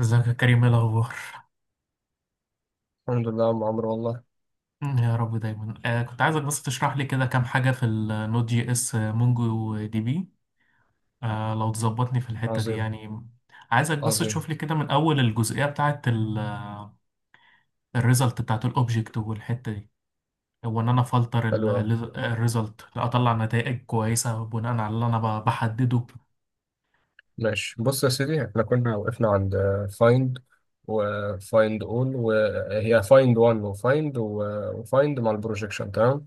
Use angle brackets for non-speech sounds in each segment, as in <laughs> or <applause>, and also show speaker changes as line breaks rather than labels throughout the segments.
ازيك يا كريم، ايه الاخبار؟
الحمد لله يا عم عمرو والله.
يا رب دايما. كنت عايزك بس تشرح لي كده كام حاجه في النود جي اس مونجو دي بي. لو تظبطني في الحته دي
عظيم
يعني. عايزك بس
عظيم.
تشوف لي كده من اول الجزئيه بتاعه، الريزلت بتاعه الاوبجكت والحته دي، هو ان انا فلتر
حلو أوي.
الريزلت اطلع نتائج كويسه بناء على اللي انا بحدده.
ماشي، بص يا سيدي، احنا كنا وقفنا عند فايند، وفايند اول، وهي فايند 1، وفايند مع البروجيكشن. تمام.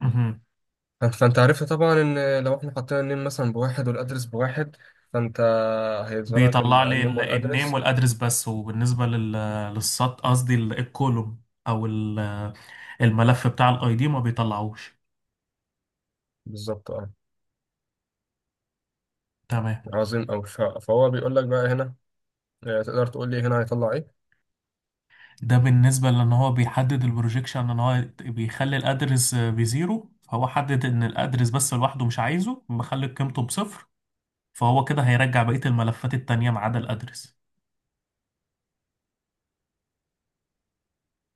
مهم.
فأنت عرفت طبعا ان لو احنا حطينا النيم مثلا بواحد والادرس بواحد، فانت هيظهر لك
بيطلع لي
النيم
النيم
والادرس.
والادرس بس، وبالنسبه للسط، قصدي الكولوم او الملف بتاع الاي دي، ما بيطلعوش.
بالظبط، اه.
تمام،
عظيم أوي. فهو بيقول لك بقى هنا، تقدر تقول لي هنا هيطلع ايه؟
ده بالنسبة لان هو بيحدد البروجيكشن ان هو بيخلي الادرس بزيرو، فهو حدد ان الادرس بس لوحده مش عايزه، مخلي قيمته بصفر، فهو كده هيرجع بقية الملفات التانية ما عدا الادرس،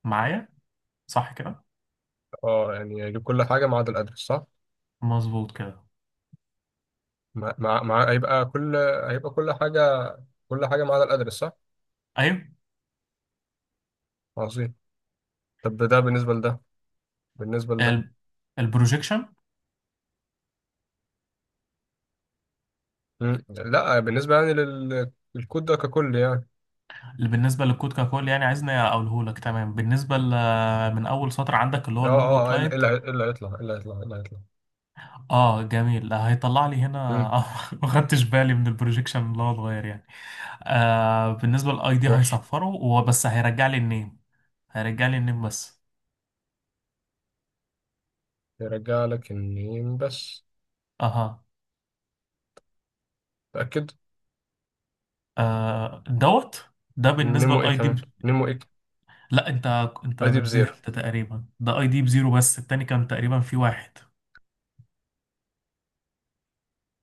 معايا؟ صح كده؟
اه، يعني يجيب كل حاجه ما عدا الادرس، صح.
مظبوط كده.
هيبقى كل، هيبقى كل حاجة، كل حاجة ما عدا الأدرس، صح؟
ايوه.
عظيم. طب ده بالنسبة لده، بالنسبة لده.
ال- البروجيكشن.
لا، بالنسبة يعني للكود ده ككل يعني.
اللي بالنسبة للكود ككل يعني، عايزني اقوله لك. تمام، بالنسبة من اول سطر عندك اللي هو المونجو كلاينت.
إيه اللي هيطلع؟
اه جميل، آه، هيطلع لي هنا.
مم.
آه، <laughs> ما خدتش بالي من البروجيكشن اللي هو اتغير يعني. آه، بالنسبه للاي دي
ماشي،
هيصفره وبس، هيرجع لي النيم. هيرجع لي النيم بس.
يرجع لك النيم بس.
اها.
تأكد.
آه دوت. ده بالنسبه
نيمو ايه
للاي دي
كمان،
ب...
نيمو ايه؟
لا انت، انت
اي دي بزيرو.
نزلت تقريبا ده اي دي بزيرو، بس التاني كان تقريبا في واحد.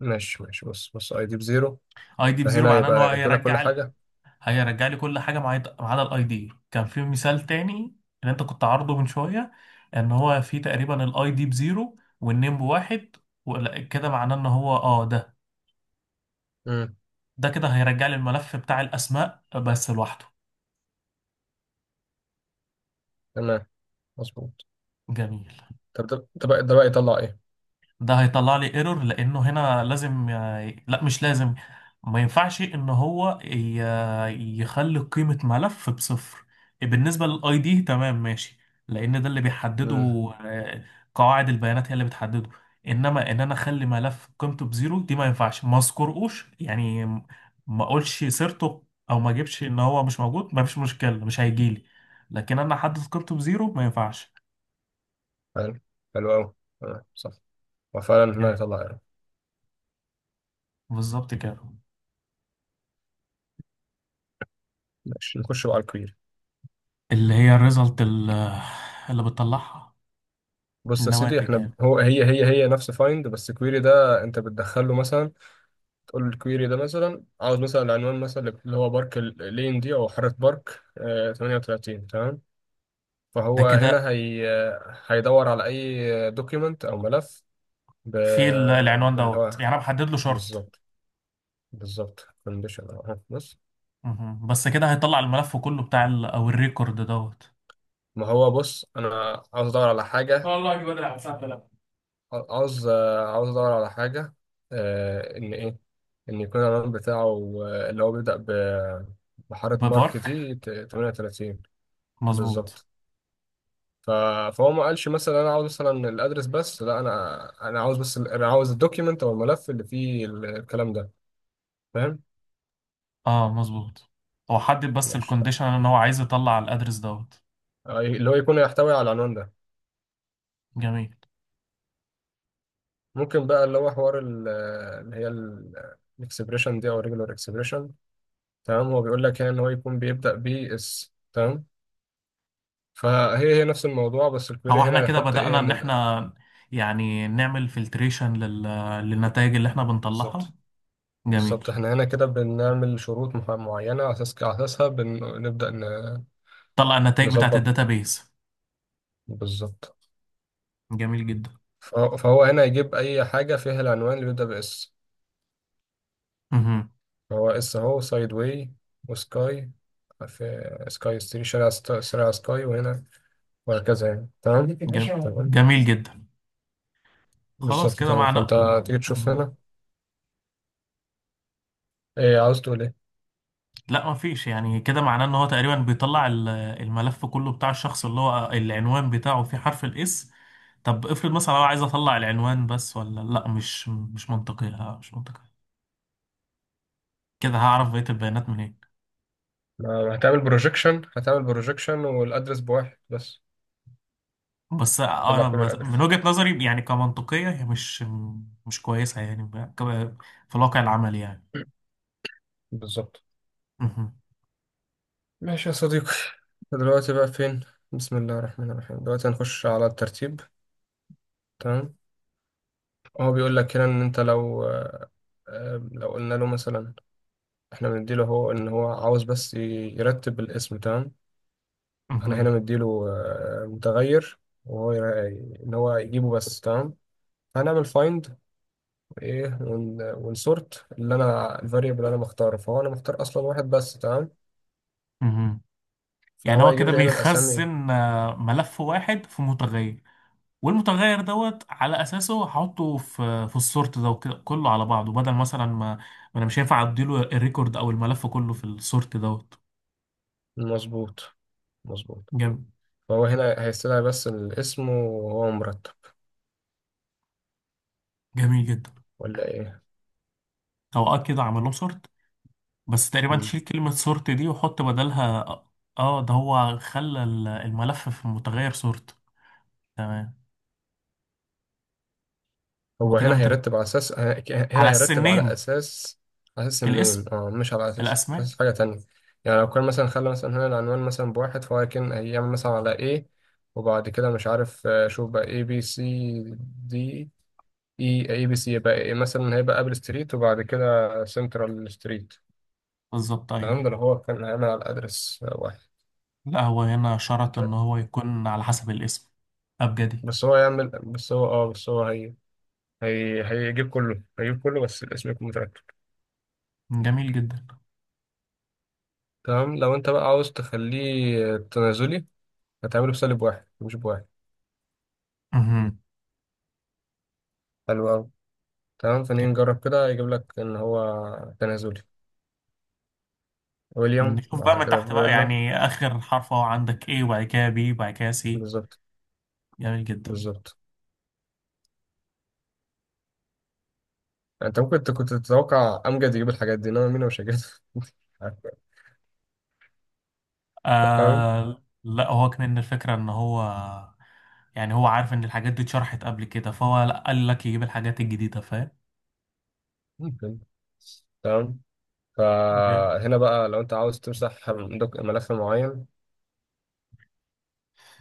ماشي ماشي، بص بص، اي دي بزيرو.
اي دي بزيرو
فهنا
معناه ان
يبقى
هو
ياكلها كل
هيرجع،
حاجة.
هيرجع لي كل حاجه معايا ما عدا الاي دي. كان في مثال تاني اللي انت كنت عارضه من شويه، ان هو في تقريبا الاي دي بزيرو والنيم بواحد. كده معناه ان هو اه، ده
مم.
ده كده هيرجع لي الملف بتاع الاسماء بس لوحده.
تمام، مظبوط.
جميل.
طب ده بقى، ده بقى يطلع ايه؟
ده هيطلع لي ايرور، لانه هنا لازم لا مش لازم، ما ينفعش ان هو يخلي قيمة ملف بصفر. بالنسبة للاي دي تمام ماشي، لان ده اللي بيحدده،
مم.
آه، قواعد البيانات هي اللي بتحدده. انما ان انا اخلي ملف قيمته بزيرو، دي ما ينفعش. ما اذكرهوش يعني، ما اقولش سيرته، او ما اجيبش ان هو مش موجود، ما فيش مشكلة، مش هيجيلي. لكن انا احدد قيمته بزيرو ما ينفعش
حلو، حلو أوي. تمام، صح. وفعلا هنا
يعني.
يطلع ايرور.
بالظبط كده.
ماشي، نخش بقى على الكويري.
اللي هي الريزلت اللي، اللي بتطلعها،
بص يا سيدي،
النواتج
احنا
يعني.
هو هي هي هي نفس فايند، بس الكويري ده انت بتدخله مثلا. تقول له الكويري ده مثلا عاوز مثلا العنوان، مثلا اللي هو بارك اللين دي، او حارة بارك، 38. تمام.
ده
فهو هنا
كده
هيدور على اي دوكيمنت او ملف ب...
في العنوان
باللي
دوت،
هو.
يعني انا بحدد له شرط.
بالظبط. بالظبط، كونديشن اهو، بص.
مهم. بس كده هيطلع الملف كله بتاع ال او الريكورد دوت.
ما هو بص، انا عاوز ادور على حاجه،
والله دي بدري على الساعه 3.
عاوز عاوز ادور على حاجه، ان ايه، ان يكون العنوان بتاعه، اللي هو بيبدا بحاره
ببارك.
بارك دي 38.
مظبوط.
بالظبط. ف- فهو ما قالش مثلا انا عاوز مثلا الادرس بس، لا، انا عاوز بس انا عاوز الدوكيمنت او الملف اللي فيه الكلام ده، فاهم؟
اه مظبوط، هو حدد بس
ماشي، طيب.
الكونديشن ان هو عايز يطلع الادرس دوت.
اللي هو يكون يحتوي على العنوان ده.
جميل.
ممكن بقى اللي هو حوار اللي هي الاكسبريشن دي او ريجولار اكسبريشن. تمام، هو بيقول لك هنا ان هو يكون بيبدا بي اس. تمام، فهي نفس الموضوع، بس
هو
الكويري
احنا
هنا
كده
يحط ايه
بدأنا ان
ان
احنا يعني نعمل فلتريشن لل... للنتائج اللي احنا بنطلعها.
بالظبط،
جميل.
بالظبط. احنا هنا كده بنعمل شروط معينة، على اساسها بنبدأ
طلع النتائج بتاعت
نظبط.
الداتابيز.
بالظبط.
جميل
فهو هنا يجيب اي حاجة فيها العنوان اللي بيبدأ باس.
جدا.
فهو اس اهو، سايد واي وسكاي، في سكاي ستري، شارع شارع سكاي، وهنا، وهكذا يعني. تمام
جم...
تمام،
جميل جدا. خلاص
بالظبط.
كده
تمام،
معناه.
فانت تيجي تشوف
مم.
هنا، ايه عاوز تقول ايه؟
لا ما فيش يعني، كده معناه ان هو تقريبا بيطلع الملف كله بتاع الشخص اللي هو العنوان بتاعه فيه حرف الاس. طب افرض مثلا انا عايز اطلع العنوان بس، ولا لا مش مش منطقي، لا، مش منطقي، كده هعرف بقية البيانات منين؟
ما هتعمل بروجيكشن، هتعمل بروجيكشن والادرس بواحد بس.
بس
طلع
انا
كل
بس
القدر.
من وجهة نظري يعني كمنطقية هي مش، مش كويسة يعني في الواقع العملي يعني.
بالظبط.
مهم.
ماشي يا صديقي، دلوقتي بقى فين؟ بسم الله الرحمن الرحيم، دلوقتي هنخش على الترتيب. تمام، هو بيقول لك هنا ان انت لو، لو قلنا له مثلا احنا بنديله هو، ان هو عاوز بس يرتب الاسم. تمام، انا هنا
مهم.
مديله متغير، وهو يرا- ان هو يجيبه بس. تمام، هنعمل فايند ايه، ونسورت اللي انا الفاريبل اللي انا مختاره، فهو انا مختار اصلا واحد بس. تمام،
مهم. يعني
فهو
هو
هيجيب
كده
لي هنا الاسامي.
بيخزن آه، ملف واحد في متغير، والمتغير دوت على اساسه هحطه في السورت ده، وكده كله على بعضه، بدل مثلا ما انا مش هينفع اديله الريكورد او الملف كله في السورت دوت.
المظبوط، مظبوط.
جميل.
فهو هنا هيستدعي بس الاسم وهو مرتب،
جميل جدا.
ولا ايه؟
او اه كده عمل لهم سورت، بس تقريبا
مم.
تشيل كلمة سورت دي وحط بدلها اه، آه، ده هو خلى الملف في متغير سورت. تمام. هما
هو
كده
هنا
مترتب
هيرتب على اساس
على السنين.
على اساس النيم،
الاسم.
اه، مش على اساس،
الاسماء.
حاجة تانية. يعني لو كان مثلا خلى مثلا هنا العنوان مثلا بواحد، فهو كان هيعمل مثلا على ايه، وبعد كده مش عارف، شوف بقى اي بي سي دي. اي بي سي يبقى إيه، مثلا هيبقى ابل ستريت، وبعد كده سنترال ستريت،
بالظبط ايوه.
فاهم؟ ده اللي هو كان هيعمل على ادرس واحد،
لا هو هنا شرط ان هو يكون على حسب الاسم، ابجدي.
بس هو هي هيجيب كله بس الاسم يكون مترتب.
جميل جدا.
تمام، لو انت بقى عاوز تخليه تنازلي، هتعمله بسالب واحد مش بواحد.
مهم.
حلو أوي. تمام، فنيجي نجرب كده يجيب لك ان هو تنازلي، ويليام
نشوف بقى
بعد
من
كده
تحت بقى،
فيلا.
يعني آخر حرف هو عندك A وبعد كده B وبعد كده C.
بالظبط
جميل جدا.
بالظبط. انت ممكن كنت تتوقع امجد يجيب الحاجات دي، انما مين مش هيجيب. <laughs> تمام.
آه لا، هو كمان الفكرة إن هو، يعني هو عارف إن الحاجات دي اتشرحت قبل كده، فهو لا قال لك يجيب الحاجات الجديدة، فاهم؟
ممكن. تمام،
Yeah.
فهنا بقى لو انت عاوز تمسح ملف معين،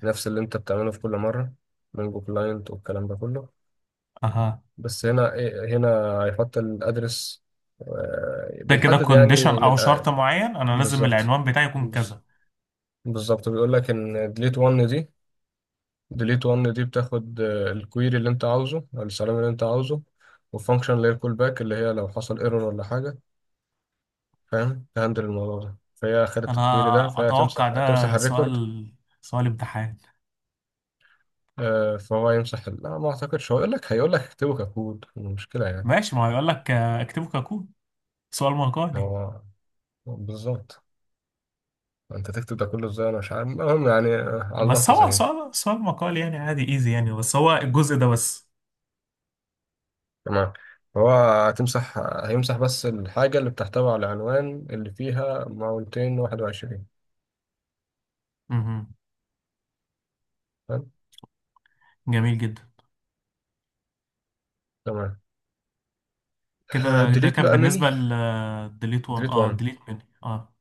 نفس اللي انت بتعمله في كل مرة، من جو كلاينت والكلام ده كله.
أها.
بس هنا، هنا هيحط الأدرس.
ده كده
بيحدد
كونديشن
يعني إن
أو شرط معين، أنا لازم
بالظبط.
العنوان بتاعي يكون
بص-
كذا.
بالظبط، بيقول لك إن delete one دي، delete one دي بتاخد الكويري اللي أنت عاوزه أو السلام اللي أنت عاوزه، والفانكشن اللي هي الكول باك، اللي هي لو حصل ايرور ولا حاجة، فاهم؟ تهندل الموضوع ده، فهي خدت الكويري ده،
أنا
فهي
أتوقع
هتمسح
ده
الريكورد.
سؤال، سؤال امتحان.
فهو يمسح لا، ما أعتقدش، هو يقول لك هيقول لك اكتبه ككود، المشكلة يعني،
ماشي، ما هو يقول لك آه، اكتبه ككود، سؤال مقالي.
هو بالظبط انت تكتب ده كله ازاي؟ انا مش عارف، المهم يعني، على الله
بس هو
تسهيل.
سؤال، سؤال مقالي يعني، عادي ايزي يعني، بس هو الجزء ده بس.
تمام، هو هيمسح بس الحاجة اللي بتحتوي على العنوان اللي فيها 221.
مهم.
تمام،
جميل جدا.
تمام.
كده ده
ديليت
كان
بقى مني،
بالنسبة لديليت 1.
ديليت
اه
1.
ديليت مني. اه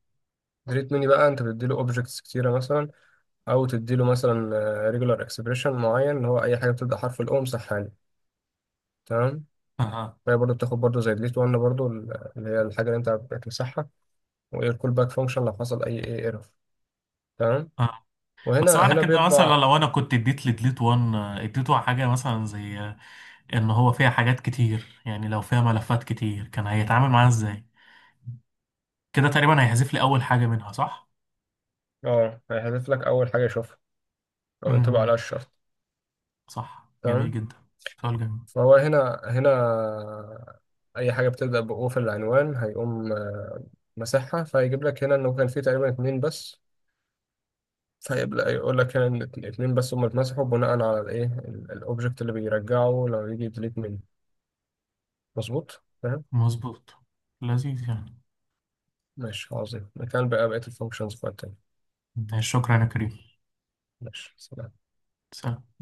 ديليت مني بقى، انت بتديله اوبجكتس كتيرة مثلا، او تديله مثلا ريجولار اكسبريشن معين، اللي هو اي حاجة بتبدأ حرف الاو امسحها لي. تمام،
اه
فهي برضه بتاخد برضه زي ديليت 1 برضه اللي هي الحاجة اللي انت بتمسحها، وايه الكول باك فانكشن لو حصل اي ايه ايرور. تمام،
اه. بس معنى
هنا
كده مثلا
بيطبع،
لو انا كنت اديت لديليت 1 آه، اديته حاجة مثلا زي آه، ان هو فيها حاجات كتير، يعني لو فيها ملفات كتير كان هيتعامل معاها ازاي؟ كده تقريبا هيحذف لي اول حاجة منها، صح؟
اه، هيحذف لك اول حاجه يشوفها، او ينطبع عليها
مهم.
الشرط.
صح. جميل
تمام.
جدا. سؤال جميل.
فهو هنا، اي حاجه بتبدا بأو في العنوان، هيقوم مسحها، فهيجيب لك هنا انه كان فيه تقريبا اتنين بس. فيبدا يقول لك هنا ان اتنين بس هم اتمسحوا، بناء على الاوبجكت اللي بيرجعه لو يجي ديليت منه. مظبوط، فاهم.
مظبوط. لذيذ يعني.
ماشي، عظيم. مكان بقى بقيه الفانكشنز بتاعتنا.
شكرا يا كريم.
ماشي، سلام.
سلام.